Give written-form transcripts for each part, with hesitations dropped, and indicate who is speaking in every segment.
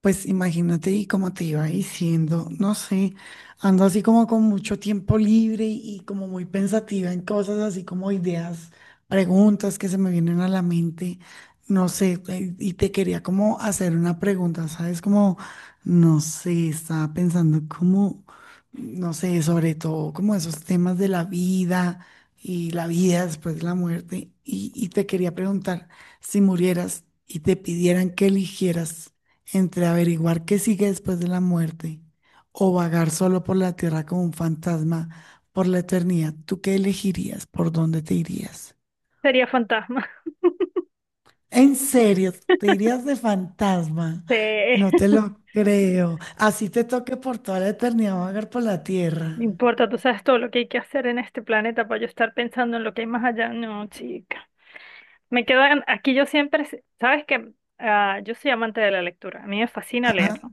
Speaker 1: Pues imagínate y como te iba diciendo, no sé, ando así como con mucho tiempo libre y, como muy pensativa en cosas así como ideas, preguntas que se me vienen a la mente, no sé, y te quería como hacer una pregunta, ¿sabes? Como, no sé, estaba pensando como, no sé, sobre todo como esos temas de la vida y la vida después de la muerte, y te quería preguntar, si murieras y te pidieran que eligieras entre averiguar qué sigue después de la muerte o vagar solo por la tierra como un fantasma por la eternidad, ¿tú qué elegirías? ¿Por dónde te irías?
Speaker 2: Sería fantasma.
Speaker 1: En serio, te irías de fantasma.
Speaker 2: Sí,
Speaker 1: No te lo creo. Así te toque por toda la eternidad vagar por la
Speaker 2: no
Speaker 1: tierra.
Speaker 2: importa, tú sabes todo lo que hay que hacer en este planeta para yo estar pensando en lo que hay más allá. No, chica. Me quedan, aquí yo siempre, sabes que yo soy amante de la lectura, a mí me fascina
Speaker 1: Ajá,
Speaker 2: leerlo.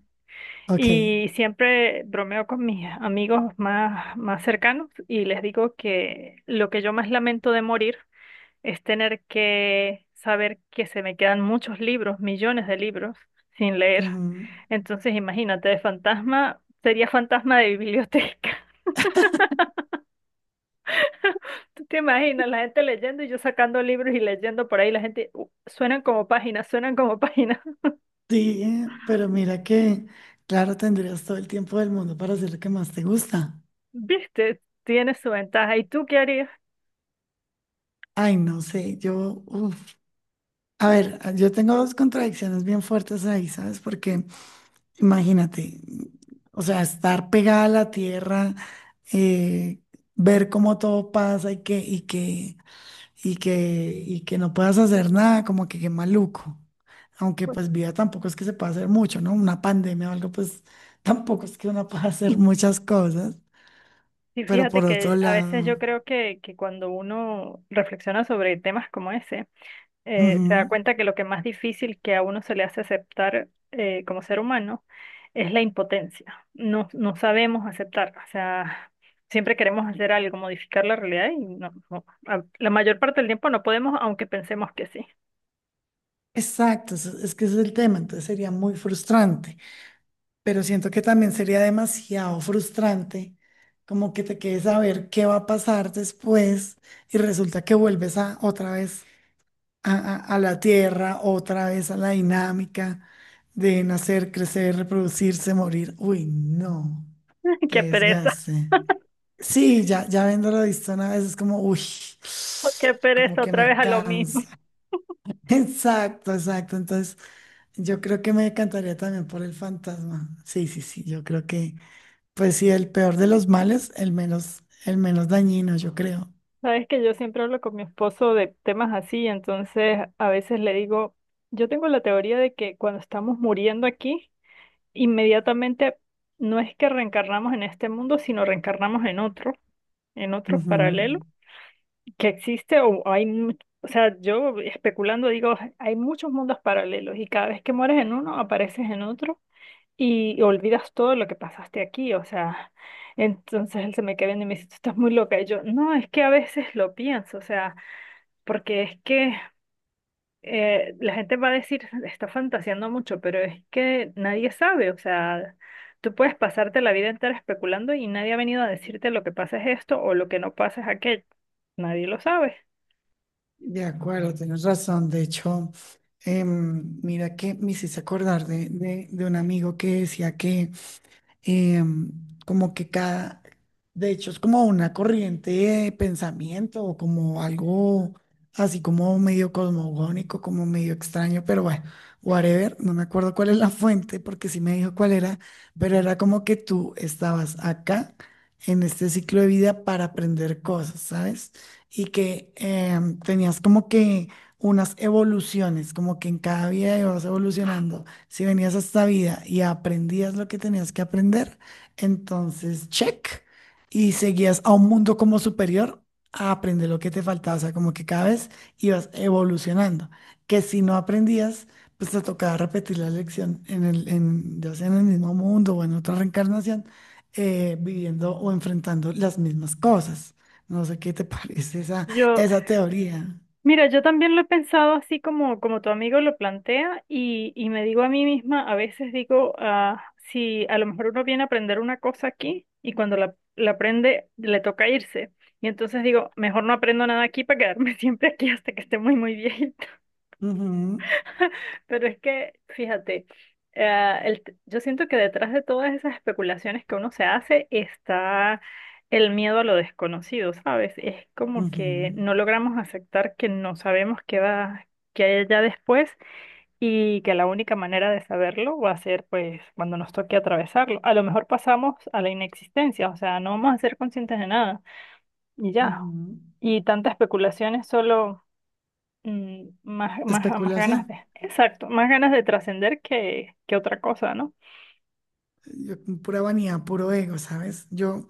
Speaker 1: ok.
Speaker 2: Y siempre bromeo con mis amigos más cercanos y les digo que lo que yo más lamento de morir es tener que saber que se me quedan muchos libros, millones de libros sin leer.
Speaker 1: Mm,
Speaker 2: Entonces, imagínate, de fantasma, sería fantasma de biblioteca. ¿Tú te imaginas la gente leyendo y yo sacando libros y leyendo por ahí? La gente, suenan como páginas, suenan como páginas".
Speaker 1: sí, pero mira que, claro, tendrías todo el tiempo del mundo para hacer lo que más te gusta.
Speaker 2: ¿Viste? Tiene su ventaja. ¿Y tú qué harías?
Speaker 1: Ay, no sé, yo, uf. A ver, yo tengo dos contradicciones bien fuertes ahí, ¿sabes? Porque imagínate, o sea, estar pegada a la tierra, eh, ver cómo todo pasa y que no puedas hacer nada, como que qué maluco. Aunque
Speaker 2: Pues,
Speaker 1: pues vida tampoco es que se pueda hacer mucho, ¿no? Una pandemia o algo, pues tampoco es que uno pueda hacer muchas cosas.
Speaker 2: Sí,
Speaker 1: Pero
Speaker 2: fíjate
Speaker 1: por otro
Speaker 2: que a veces yo
Speaker 1: lado,
Speaker 2: creo que cuando uno reflexiona sobre temas como ese, se da
Speaker 1: ujú.
Speaker 2: cuenta que lo que más difícil que a uno se le hace aceptar como ser humano es la impotencia. No sabemos aceptar, o sea, siempre queremos hacer algo, modificar la realidad y no, no, a- la mayor parte del tiempo no podemos, aunque pensemos que sí.
Speaker 1: Exacto, es que ese es el tema, entonces sería muy frustrante. Pero siento que también sería demasiado frustrante, como que te quedes a ver qué va a pasar después y resulta que vuelves a otra vez a la tierra, otra vez a la dinámica de nacer, crecer, reproducirse, morir. Uy, no,
Speaker 2: Qué
Speaker 1: qué
Speaker 2: pereza,
Speaker 1: desgaste. Sí, ya, ya viéndolo visto una vez es como, uy,
Speaker 2: qué
Speaker 1: como
Speaker 2: pereza,
Speaker 1: que
Speaker 2: otra vez
Speaker 1: me
Speaker 2: a lo mismo.
Speaker 1: cansa. Exacto, exacto. Entonces, yo creo que me decantaría también por el fantasma. Sí, sí, sí, yo creo que pues sí, el peor de los males, el menos dañino, yo creo.
Speaker 2: Sabes que yo siempre hablo con mi esposo de temas así, entonces a veces le digo, yo tengo la teoría de que cuando estamos muriendo aquí, inmediatamente no es que reencarnamos en este mundo, sino reencarnamos en otro
Speaker 1: Ujú.
Speaker 2: paralelo que existe o hay, o sea, yo especulando digo, hay muchos mundos paralelos y cada vez que mueres en uno apareces en otro y olvidas todo lo que pasaste aquí, o sea, entonces él se me queda viendo y me dice, tú estás muy loca y yo, no, es que a veces lo pienso, o sea, porque es que la gente va a decir, está fantaseando mucho, pero es que nadie sabe, o sea, tú puedes pasarte la vida entera especulando y nadie ha venido a decirte lo que pasa es esto o lo que no pasa es aquello. Nadie lo sabe.
Speaker 1: De acuerdo, tienes razón. De hecho, mira que me hiciste acordar de, de un amigo que decía que em, como que cada, de hecho, es como una corriente de pensamiento o como algo así como medio cosmogónico, como medio extraño, pero bueno, whatever, no me acuerdo cuál es la fuente porque sí me dijo cuál era, pero era como que tú estabas acá en este ciclo de vida para aprender cosas, ¿sabes? Y que tenías como que unas evoluciones, como que en cada vida ibas evolucionando si venías a esta vida y aprendías lo que tenías que aprender, entonces check y seguías a un mundo como superior a aprender lo que te faltaba. O sea, como que cada vez ibas evolucionando. Que si no aprendías, pues te tocaba repetir la lección en el, en, ya sea en el mismo mundo o en otra reencarnación, viviendo o enfrentando las mismas cosas. No sé qué te parece esa,
Speaker 2: Yo,
Speaker 1: esa teoría.
Speaker 2: mira, yo también lo he pensado así como, como tu amigo lo plantea y me digo a mí misma, a veces digo, ah, si a lo mejor uno viene a aprender una cosa aquí y cuando la aprende le toca irse. Y entonces digo, mejor no aprendo nada aquí para quedarme siempre aquí hasta que esté muy viejita.
Speaker 1: Ujú,
Speaker 2: Pero es que, fíjate, yo siento que detrás de todas esas especulaciones que uno se hace está el miedo a lo desconocido, ¿sabes? Es como
Speaker 1: ujú,
Speaker 2: que no logramos aceptar que no sabemos qué hay allá después y que la única manera de saberlo va a ser pues cuando nos toque atravesarlo. A lo mejor pasamos a la inexistencia, o sea, no vamos a ser conscientes de nada y ya.
Speaker 1: ujú.
Speaker 2: Y tantas especulaciones solo más
Speaker 1: Especulación.
Speaker 2: ganas de, exacto, más ganas de trascender que otra cosa, ¿no?
Speaker 1: Con pura vanidad, puro ego, ¿sabes? Yo,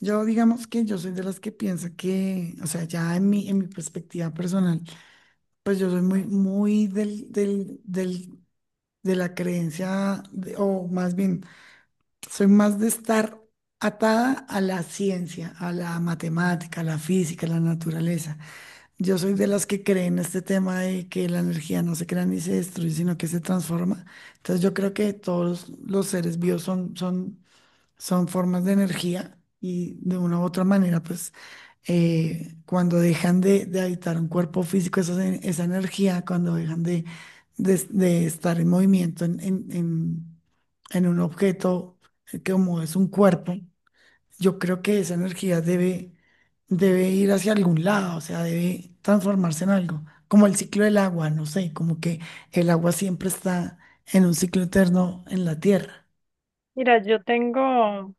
Speaker 1: yo digamos que yo soy de las que piensa que, o sea, ya en mi perspectiva personal, pues yo soy muy, muy del, de la creencia, o más bien, soy más de estar atada a la ciencia, a la matemática, a la física, a la naturaleza. Yo soy de las que creen este tema de que la energía no se crea ni se destruye, sino que se transforma. Entonces yo creo que todos los seres vivos son formas de energía y de una u otra manera, pues cuando dejan de habitar un cuerpo físico, esa energía, cuando dejan de estar en movimiento en un objeto que como es un cuerpo, yo creo que esa energía debe, debe ir hacia algún lado, o sea, debe transformarse en algo, como el ciclo del agua, no sé, como que el agua siempre está en un ciclo eterno en la tierra.
Speaker 2: Mira,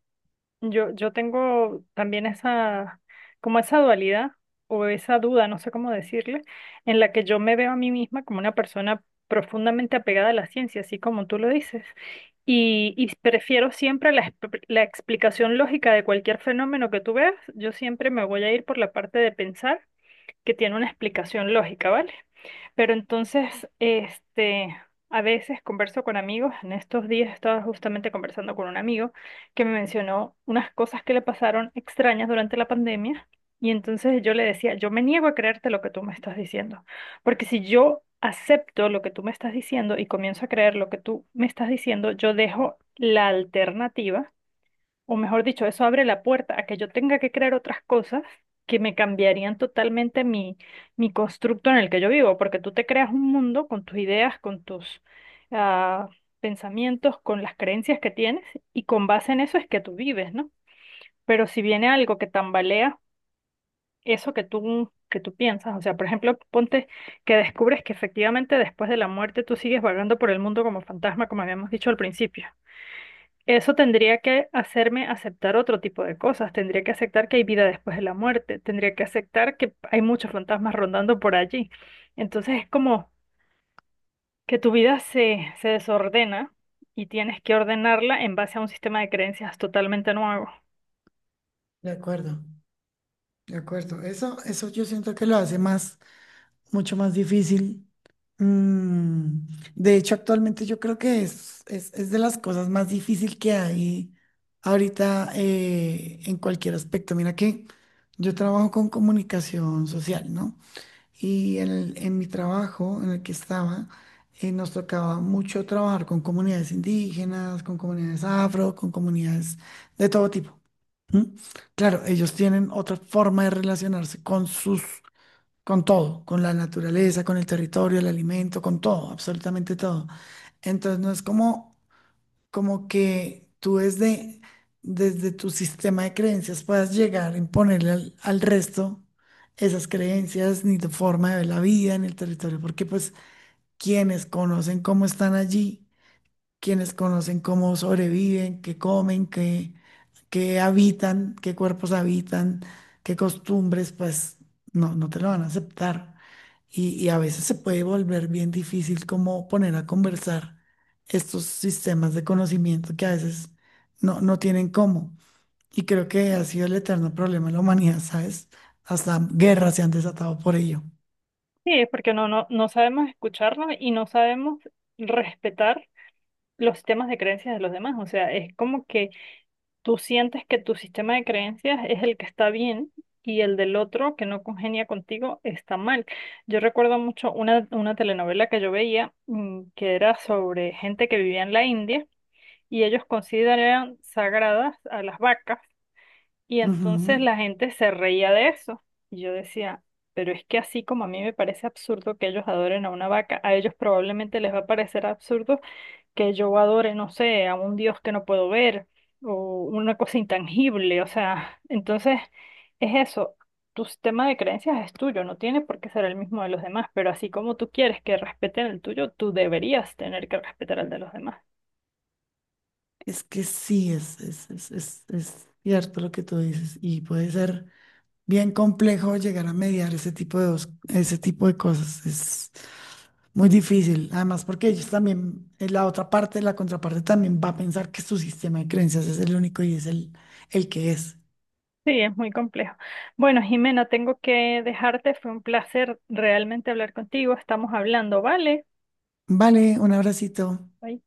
Speaker 2: yo tengo también esa, como esa dualidad o esa duda, no sé cómo decirle, en la que yo me veo a mí misma como una persona profundamente apegada a la ciencia, así como tú lo dices. Y prefiero siempre la explicación lógica de cualquier fenómeno que tú veas. Yo siempre me voy a ir por la parte de pensar que tiene una explicación lógica, ¿vale? Pero entonces, a veces converso con amigos. En estos días estaba justamente conversando con un amigo que me mencionó unas cosas que le pasaron extrañas durante la pandemia. Y entonces yo le decía, yo me niego a creerte lo que tú me estás diciendo. Porque si yo acepto lo que tú me estás diciendo y comienzo a creer lo que tú me estás diciendo, yo dejo la alternativa o mejor dicho, eso abre la puerta a que yo tenga que crear otras cosas que me cambiarían totalmente mi constructo en el que yo vivo, porque tú te creas un mundo con tus ideas, con tus ah, pensamientos, con las creencias que tienes, y con base en eso es que tú vives, ¿no? Pero si viene algo que tambalea eso que tú piensas, o sea, por ejemplo, ponte que descubres que efectivamente después de la muerte tú sigues vagando por el mundo como fantasma, como habíamos dicho al principio. Eso tendría que hacerme aceptar otro tipo de cosas. Tendría que aceptar que hay vida después de la muerte. Tendría que aceptar que hay muchos fantasmas rondando por allí. Entonces es como que tu vida se desordena y tienes que ordenarla en base a un sistema de creencias totalmente nuevo.
Speaker 1: De acuerdo. De acuerdo, eso yo siento que lo hace más, mucho más difícil. Mm. De hecho, actualmente yo creo que es de las cosas más difíciles que hay ahorita en cualquier aspecto. Mira que yo trabajo con comunicación social, ¿no? Y en, en mi trabajo en el que estaba, nos tocaba mucho trabajar con comunidades indígenas, con comunidades afro, con comunidades de todo tipo. ¿Mm? Claro, ellos tienen otra forma de relacionarse con sus, con todo, con la naturaleza, con el territorio, el alimento, con todo, absolutamente todo. Entonces no es como, como que tú desde, desde tu sistema de creencias puedas llegar a imponerle al resto esas creencias, ni tu forma de ver la vida en el territorio, porque pues quienes conocen cómo están allí, quienes conocen cómo sobreviven, qué comen, qué habitan, qué cuerpos habitan, qué costumbres, pues no, no te lo van a aceptar. Y a veces se puede volver bien difícil como poner a conversar estos sistemas de conocimiento que a veces no, no tienen cómo. Y creo que ha sido el eterno problema de la humanidad, ¿sabes? Hasta guerras se han desatado por ello.
Speaker 2: Sí, es porque no sabemos escucharnos y no sabemos respetar los sistemas de creencias de los demás. O sea, es como que tú sientes que tu sistema de creencias es el que está bien y el del otro que no congenia contigo está mal. Yo recuerdo mucho una telenovela que yo veía que era sobre gente que vivía en la India y ellos consideraban sagradas a las vacas y entonces
Speaker 1: Ujú.
Speaker 2: la gente se reía de eso. Y yo decía, pero es que así como a mí me parece absurdo que ellos adoren a una vaca, a ellos probablemente les va a parecer absurdo que yo adore, no sé, a un Dios que no puedo ver o una cosa intangible, o sea, entonces es eso, tu sistema de creencias es tuyo, no tiene por qué ser el mismo de los demás, pero así como tú quieres que respeten el tuyo, tú deberías tener que respetar el de los demás.
Speaker 1: Es que sí, es cierto lo que tú dices y puede ser bien complejo llegar a mediar ese tipo de, ese tipo de cosas. Es muy difícil. Además, porque ellos también, la otra parte, la contraparte también va a pensar que su sistema de creencias es el único y es el que es.
Speaker 2: Sí, es muy complejo. Bueno, Jimena, tengo que dejarte, fue un placer realmente hablar contigo, estamos hablando, ¿vale?
Speaker 1: Vale, un abracito.
Speaker 2: Bye.